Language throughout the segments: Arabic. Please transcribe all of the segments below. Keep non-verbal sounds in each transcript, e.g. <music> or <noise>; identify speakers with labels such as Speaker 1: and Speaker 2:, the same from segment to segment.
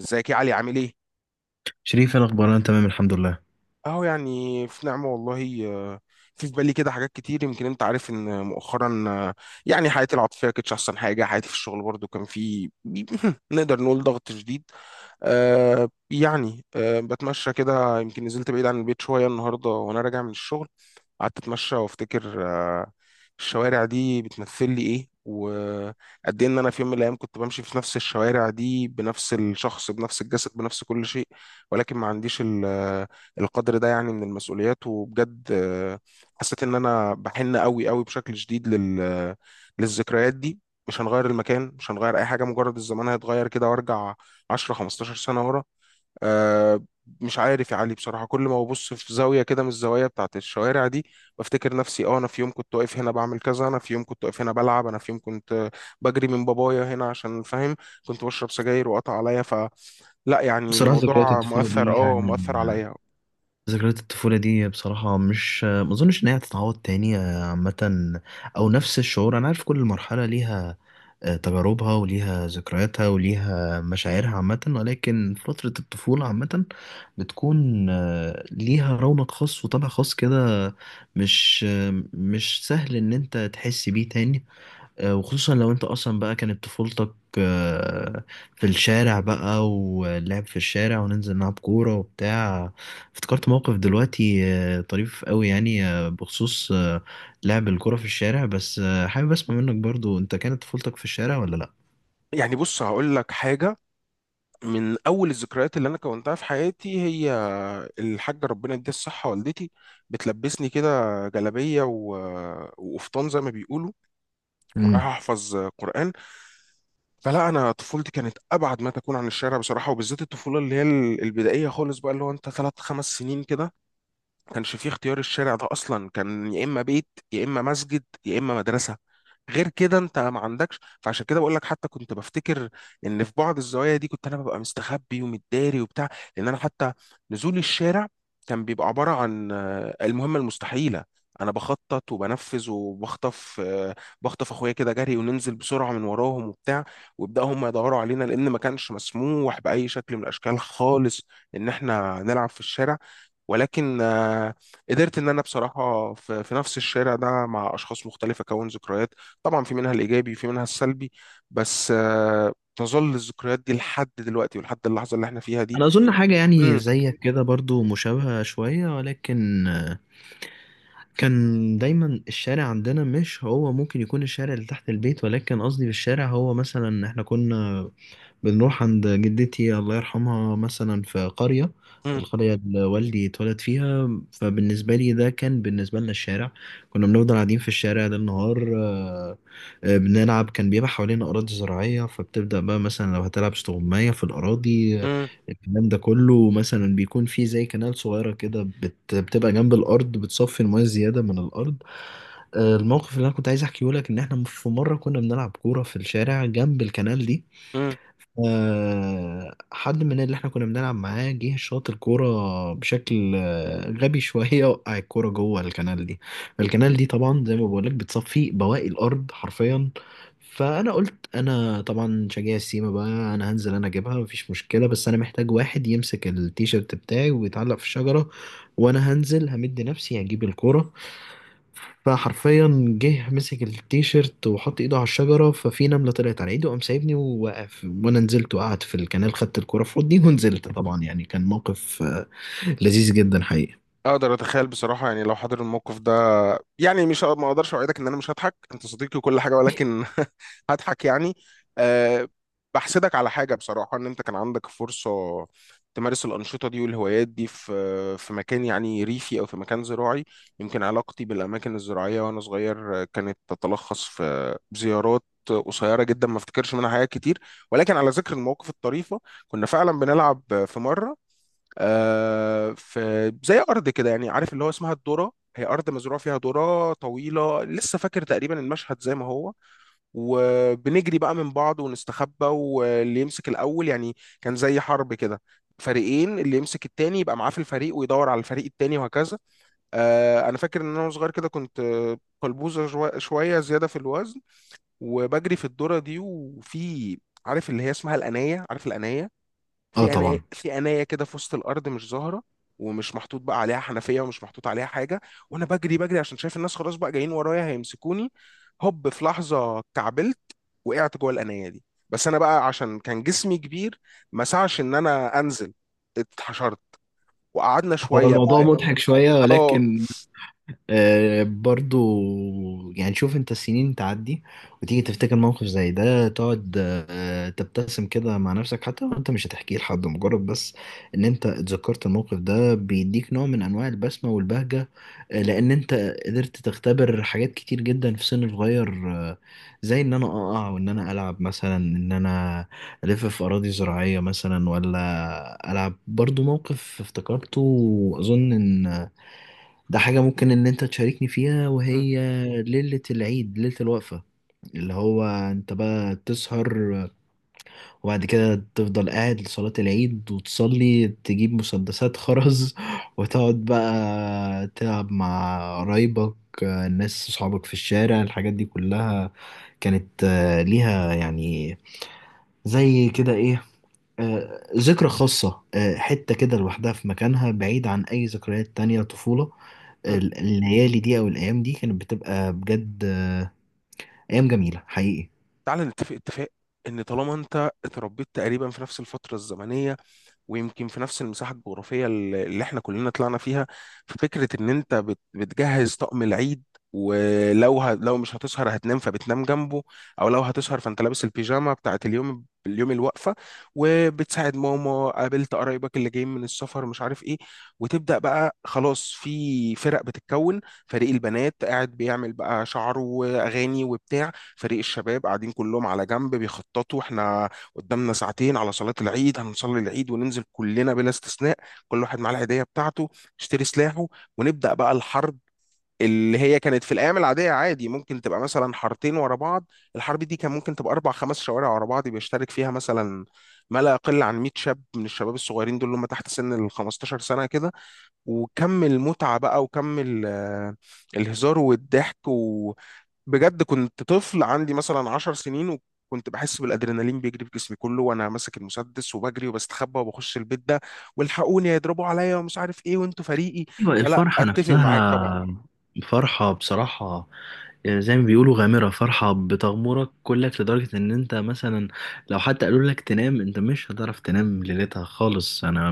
Speaker 1: ازيك يا علي عامل ايه؟
Speaker 2: شريف انا اخبار انا تمام الحمد لله.
Speaker 1: اهو يعني في نعمة والله آه، في بالي كده حاجات كتير، يمكن انت عارف ان مؤخرا يعني حياتي العاطفية كانتش احسن حاجة. حياتي في الشغل برضو كان في <laughs> نقدر نقول ضغط شديد. بتمشى كده. يمكن نزلت بعيد عن البيت شوية النهاردة، وانا راجع من الشغل قعدت اتمشى وافتكر الشوارع دي بتمثل لي ايه، وقد ايه ان انا في يوم من الايام كنت بمشي في نفس الشوارع دي بنفس الشخص بنفس الجسد بنفس كل شيء، ولكن ما عنديش القدر ده يعني من المسؤوليات. وبجد حسيت ان انا بحن قوي قوي بشكل شديد لل آه، للذكريات دي. مش هنغير المكان، مش هنغير اي حاجه، مجرد الزمان هيتغير كده وارجع 10 15 سنه ورا. آه، مش عارف يا علي بصراحة، كل ما ببص في زاوية كده من الزوايا بتاعت الشوارع دي بفتكر نفسي. اه، انا في يوم كنت واقف هنا بعمل كذا، انا في يوم كنت واقف هنا بلعب، انا في يوم كنت بجري من بابايا هنا، عشان فاهم كنت بشرب سجاير وقطع عليا. فلا يعني
Speaker 2: بصراحه ذكريات
Speaker 1: الموضوع
Speaker 2: الطفوله
Speaker 1: مؤثر،
Speaker 2: دي
Speaker 1: اه مؤثر
Speaker 2: يعني
Speaker 1: عليا.
Speaker 2: ذكريات الطفوله دي بصراحه مش ما اظنش ان هي هتتعوض تاني، عامه او نفس الشعور. انا عارف كل مرحله ليها تجاربها وليها ذكرياتها وليها مشاعرها عامه، ولكن فتره الطفوله عامه بتكون ليها رونق خاص وطبع خاص كده. مش مش سهل ان انت تحس بيه تاني، وخصوصا لو انت اصلا بقى كانت طفولتك آه، في الشارع بقى، واللعب في الشارع وننزل نلعب كورة وبتاع. افتكرت موقف دلوقتي طريف قوي، يعني بخصوص لعب الكورة في الشارع، بس حابب اسمع منك برضو، انت كانت طفولتك في الشارع ولا لا؟
Speaker 1: يعني بص هقول لك حاجة، من أول الذكريات اللي أنا كونتها في حياتي هي الحاجة ربنا يديها الصحة والدتي بتلبسني كده جلابية وقفطان زي ما بيقولوا ورايح
Speaker 2: امم.
Speaker 1: احفظ قرآن. فلا انا طفولتي كانت ابعد ما تكون عن الشارع بصراحه، وبالذات الطفوله اللي هي البدائيه خالص بقى، اللي هو انت 3 5 سنين كده كانش فيه اختيار. الشارع ده اصلا كان يا اما بيت يا اما مسجد يا اما مدرسه، غير كده انت ما عندكش. فعشان كده بقول لك، حتى كنت بفتكر ان في بعض الزوايا دي كنت انا ببقى مستخبي ومتداري وبتاع، لان انا حتى نزول الشارع كان بيبقى عباره عن المهمه المستحيله. انا بخطط وبنفذ وبخطف بخطف اخويا كده جري، وننزل بسرعه من وراهم وبتاع، ويبداوا هم يدوروا علينا، لان ما كانش مسموح باي شكل من الاشكال خالص ان احنا نلعب في الشارع. ولكن قدرت ان انا بصراحه في نفس الشارع ده مع اشخاص مختلفه اكون ذكريات. طبعا في منها الايجابي في منها السلبي، بس تظل الذكريات دي لحد دلوقتي ولحد اللحظه اللي احنا فيها دي.
Speaker 2: انا اظن حاجة يعني
Speaker 1: مم،
Speaker 2: زيك كده برضو مشابهة شوية، ولكن كان دايما الشارع عندنا مش هو ممكن يكون الشارع اللي تحت البيت، ولكن قصدي بالشارع هو مثلا احنا كنا بنروح عند جدتي الله يرحمها، مثلا في قرية.
Speaker 1: مم،
Speaker 2: القرية اللي والدي اتولد فيها، فبالنسبة لي ده كان بالنسبة لنا الشارع. كنا بنفضل قاعدين في الشارع ده النهار بنلعب. كان بيبقى حوالينا أراضي زراعية، فبتبدأ بقى مثلا لو هتلعب استغماية في الأراضي
Speaker 1: مم،
Speaker 2: الكلام ده كله، مثلا بيكون فيه زي كنال صغيرة كده بتبقى جنب الأرض بتصفي المياه الزيادة من الأرض. الموقف اللي أنا كنت عايز أحكيه لك إن إحنا في مرة كنا بنلعب كورة في الشارع جنب الكنال دي.
Speaker 1: مم.
Speaker 2: حد من اللي احنا كنا بنلعب معاه جه شاط الكورة بشكل غبي شوية، وقع الكورة جوه الكنال دي. الكنال دي طبعا زي ما بقولك بتصفي بواقي الأرض حرفيا. فأنا قلت أنا طبعا شجاع السيما بقى، أنا هنزل أنا أجيبها، مفيش مشكلة، بس أنا محتاج واحد يمسك التيشيرت بتاعي ويتعلق في الشجرة، وأنا هنزل همد نفسي هجيب الكورة. فحرفيا جه مسك التيشيرت وحط ايده على الشجرة، ففي نملة طلعت على ايده قام سايبني ووقف، وانا نزلت وقعدت في الكنال، خدت الكرة في حضني ونزلت. طبعا يعني كان موقف لذيذ جدا حقيقي.
Speaker 1: اقدر اتخيل بصراحه. يعني لو حضر الموقف ده يعني مش ه- ما اقدرش اوعدك ان انا مش هضحك، انت صديقي وكل حاجه، ولكن <laughs> هضحك يعني. أه، بحسدك على حاجه بصراحه، ان انت كان عندك فرصه تمارس الانشطه دي والهوايات دي في مكان يعني ريفي او في مكان زراعي. يمكن علاقتي بالاماكن الزراعيه وانا صغير كانت تتلخص في زيارات قصيره جدا ما افتكرش منها حاجات كتير. ولكن على ذكر المواقف الطريفه، كنا فعلا بنلعب في مره، في زي ارض كده يعني، عارف اللي هو اسمها الذره، هي ارض مزروع فيها ذره طويله، لسه فاكر تقريبا المشهد زي ما هو. وبنجري بقى من بعض ونستخبى، واللي يمسك الاول يعني، كان زي حرب كده، فريقين، اللي يمسك التاني يبقى معاه في الفريق ويدور على الفريق التاني وهكذا. انا فاكر ان انا وأنا صغير كده كنت قلبوزه، شويه زياده في الوزن. وبجري في الذره دي، وفي، عارف اللي هي اسمها الانايه؟ عارف الانايه؟
Speaker 2: اه
Speaker 1: في انا
Speaker 2: طبعا.
Speaker 1: في انايه كده في وسط الارض مش ظاهره، ومش محطوط بقى عليها حنفيه ومش محطوط عليها حاجه، وانا بجري بجري عشان شايف الناس خلاص بقى جايين ورايا هيمسكوني. هوب، في لحظه كعبلت، وقعت جوه الانايه دي. بس انا بقى عشان كان جسمي كبير ما سعش ان انا انزل، اتحشرت، وقعدنا
Speaker 2: هو
Speaker 1: شويه
Speaker 2: الموضوع
Speaker 1: بقى.
Speaker 2: مضحك شوية،
Speaker 1: اه.
Speaker 2: ولكن برضو يعني شوف، انت السنين تعدي وتيجي تفتكر موقف زي ده، تقعد تبتسم كده مع نفسك، حتى لو انت مش هتحكيه لحد، مجرد بس ان انت اتذكرت الموقف ده بيديك نوع من انواع البسمة والبهجة. لان انت قدرت تختبر حاجات كتير جدا في سن صغير، زي ان انا اقع، وان انا العب مثلا، ان انا الف في اراضي زراعية مثلا، ولا العب. برضو موقف افتكرته، واظن ان ده حاجة ممكن إن أنت تشاركني فيها،
Speaker 1: م-
Speaker 2: وهي ليلة العيد، ليلة الوقفة. اللي هو أنت بقى تسهر وبعد كده تفضل قاعد لصلاة العيد وتصلي، تجيب مسدسات خرز <laughs> وتقعد بقى تلعب مع قرايبك الناس صحابك في الشارع. الحاجات دي كلها كانت ليها يعني زي كده إيه، ذكرى خاصة، حتة كده لوحدها في مكانها بعيد عن أي ذكريات تانية طفولة.
Speaker 1: م.
Speaker 2: الليالي دي او الايام دي كانت بتبقى بجد ايام جميله حقيقي.
Speaker 1: تعالى نتفق اتفاق، ان طالما انت اتربيت تقريبا في نفس الفتره الزمنيه، ويمكن في نفس المساحة الجغرافية اللي احنا كلنا طلعنا فيها. ففكرة ان انت بتجهز طقم العيد، لو مش هتسهر هتنام فبتنام جنبه، او لو هتسهر فانت لابس البيجامة بتاعت اليوم الوقفة. وبتساعد ماما، قابلت قرايبك اللي جايين من السفر مش عارف ايه، وتبدأ بقى خلاص في فرق بتتكون. فريق البنات قاعد بيعمل بقى شعره واغاني وبتاع، فريق الشباب قاعدين كلهم على جنب بيخططوا. احنا قدامنا ساعتين على صلاة العيد، هنصلي العيد وننزل كلنا بلا استثناء، كل واحد معاه العيدية بتاعته يشتري سلاحه، ونبدأ بقى الحرب. اللي هي كانت في الأيام العادية عادي ممكن تبقى مثلا حارتين ورا بعض، الحرب دي كان ممكن تبقى 4 5 شوارع ورا بعض، بيشترك فيها مثلا ما لا يقل عن 100 شاب من الشباب الصغيرين دول اللي هم تحت سن ال 15 سنة كده. وكم المتعة بقى، وكم الهزار والضحك و... بجد كنت طفل عندي مثلا 10 سنين، وكنت بحس بالادرينالين بيجري في جسمي كله وانا ماسك المسدس وبجري وبستخبى وبخش البيت ده، والحقوني هيضربوا عليا ومش عارف ايه وانتوا فريقي.
Speaker 2: أيوة،
Speaker 1: فلا
Speaker 2: الفرحة
Speaker 1: اتفق معاك طبعا.
Speaker 2: نفسها، فرحة بصراحة. يعني زي ما بيقولوا غامرة، فرحة بتغمرك كلك لدرجة ان انت مثلا لو حتى قالوا لك تنام انت مش هتعرف تنام ليلتها خالص. انا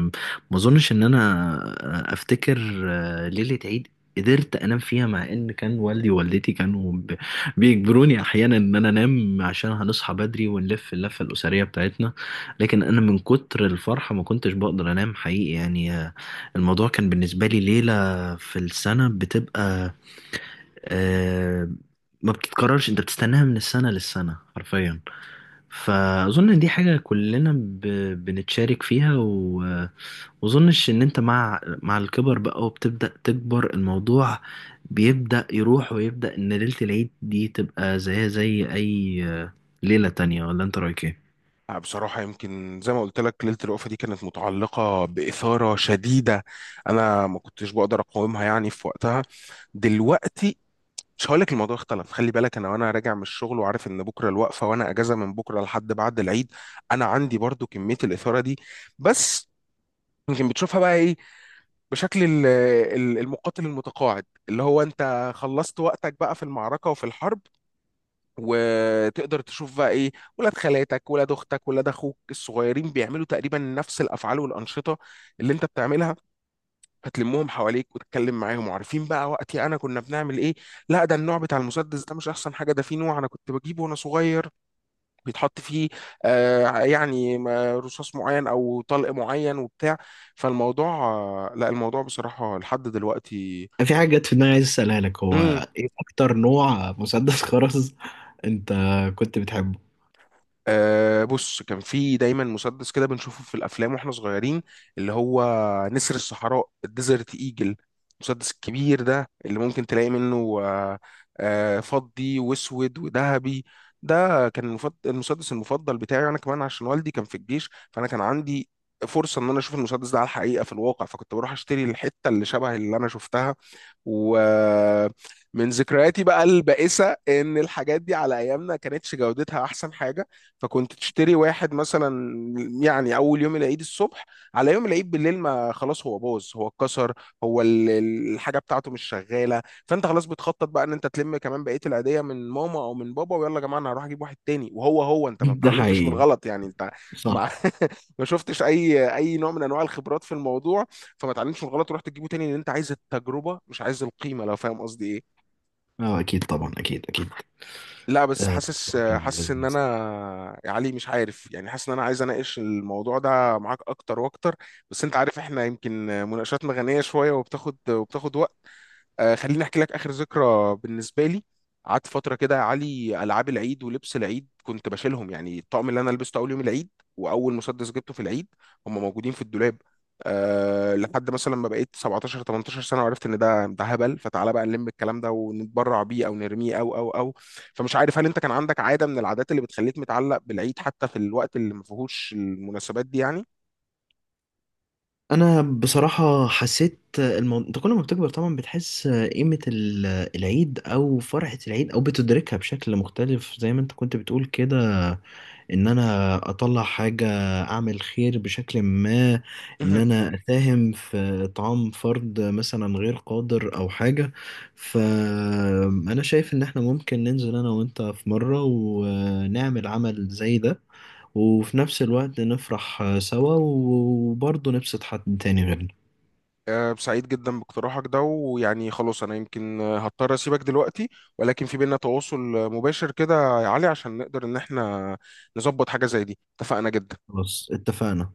Speaker 2: ما اظنش ان انا افتكر ليلة عيد قدرت انام فيها، مع ان كان والدي ووالدتي كانوا بيجبروني احيانا ان انا انام عشان هنصحى بدري ونلف اللفة الاسرية بتاعتنا. لكن انا من كتر الفرحة ما كنتش بقدر انام حقيقي، يعني الموضوع كان بالنسبة لي ليلة في السنة بتبقى آه ما بتتكررش، انت بتستناها من السنة للسنة حرفيا. فأظن إن دي حاجة كلنا بنتشارك فيها، وأظنش إن أنت مع الكبر بقى وبتبدأ تكبر، الموضوع بيبدأ يروح، ويبدأ إن ليلة العيد دي تبقى زيها زي أي ليلة تانية. ولا أنت رأيك إيه؟
Speaker 1: آه، بصراحة يمكن زي ما قلت لك ليلة الوقفة دي كانت متعلقة بإثارة شديدة أنا ما كنتش بقدر أقاومها يعني في وقتها. دلوقتي مش هقول لك الموضوع اختلف، خلي بالك أنا وأنا راجع من الشغل وعارف إن بكرة الوقفة، وأنا أجازة من بكرة لحد بعد العيد، أنا عندي برضو كمية الإثارة دي. بس يمكن بتشوفها بقى ايه، بشكل المقاتل المتقاعد، اللي هو انت خلصت وقتك بقى في المعركة وفي الحرب، وتقدر تشوف بقى ايه ولاد خالاتك ولاد اختك ولاد اخوك الصغيرين بيعملوا تقريبا نفس الافعال والانشطه اللي انت بتعملها، فتلمهم حواليك وتتكلم معاهم. وعارفين بقى وقتي انا كنا بنعمل ايه، لا ده النوع بتاع المسدس ده مش احسن حاجه، ده في نوع انا كنت بجيبه وانا صغير بيتحط فيه آه يعني رصاص معين او طلق معين وبتاع. فالموضوع لا الموضوع بصراحة لحد دلوقتي.
Speaker 2: في حاجة جت في دماغي عايز أسألها لك. هو
Speaker 1: امم،
Speaker 2: إيه أكتر نوع مسدس <laughs> خرز أنت كنت بتحبه؟
Speaker 1: أه بص، كان في دايما مسدس كده بنشوفه في الافلام واحنا صغيرين، اللي هو نسر الصحراء، الديزرت ايجل، المسدس الكبير ده اللي ممكن تلاقي منه فضي واسود وذهبي. ده كان المسدس المفضل بتاعي، انا كمان عشان والدي كان في الجيش فانا كان عندي فرصة ان انا اشوف المسدس ده على الحقيقة في الواقع، فكنت بروح اشتري الحتة اللي شبه اللي انا شفتها. ومن ذكرياتي بقى البائسة إن الحاجات دي على أيامنا كانتش جودتها أحسن حاجة، فكنت تشتري واحد مثلا يعني أول يوم العيد الصبح، على يوم العيد بالليل ما خلاص هو باظ هو اتكسر، هو الحاجة بتاعته مش شغالة. فأنت خلاص بتخطط بقى إن أنت تلم كمان بقية العيدية من ماما أو من بابا، ويلا يا جماعة أنا هروح أجيب واحد تاني. وهو أنت ما
Speaker 2: <laughs> ده
Speaker 1: اتعلمتش من
Speaker 2: حقيقي،
Speaker 1: الغلط يعني، أنت
Speaker 2: صح.
Speaker 1: مع <laughs> ما شفتش أي نوع من أنواع الخبرات في الموضوع، فما تعلمش من الغلط ورحت تجيبه تاني، لان انت عايز التجربه مش عايز القيمه، لو فاهم قصدي ايه.
Speaker 2: اه اكيد طبعا، اكيد اكيد.
Speaker 1: لا بس
Speaker 2: آه،
Speaker 1: حاسس
Speaker 2: كان
Speaker 1: ان انا،
Speaker 2: لذيذ.
Speaker 1: يا علي مش عارف، يعني حاسس ان انا عايز اناقش الموضوع ده معاك اكتر واكتر، بس انت عارف احنا يمكن مناقشاتنا غنيه شويه وبتاخد وقت. آه، خليني احكي لك اخر ذكرى بالنسبه لي. قعدت فتره كده يا علي العاب العيد ولبس العيد كنت بشيلهم، يعني الطقم اللي انا لبسته اول يوم العيد، واول مسدس جبته في العيد، هم موجودين في الدولاب. أه لحد مثلا ما بقيت 17 18 سنه وعرفت ان ده هبل. فتعالى بقى نلم الكلام ده ونتبرع بيه او نرميه او او. فمش عارف هل انت كان عندك عاده من العادات اللي بتخليك متعلق بالعيد حتى في الوقت اللي ما فيهوش المناسبات دي؟
Speaker 2: انا بصراحه حسيت انت كل ما بتكبر طبعا بتحس قيمه العيد او فرحه العيد، او بتدركها بشكل مختلف زي ما انت كنت بتقول كده. ان انا اطلع حاجة، اعمل خير بشكل ما، ان
Speaker 1: يعني
Speaker 2: انا اساهم في اطعام فرد مثلا غير قادر او حاجة. فانا شايف ان احنا ممكن ننزل انا وانت في مرة ونعمل عمل زي ده، وفي نفس الوقت نفرح سوا وبرضه نبسط حد تاني غيرنا.
Speaker 1: آه، سعيد جدا باقتراحك ده، ويعني خلاص انا يمكن هضطر اسيبك دلوقتي، ولكن في بينا تواصل مباشر كده يا علي، عشان نقدر ان احنا نظبط حاجة زي دي. اتفقنا جدا.
Speaker 2: خلاص اتفقنا.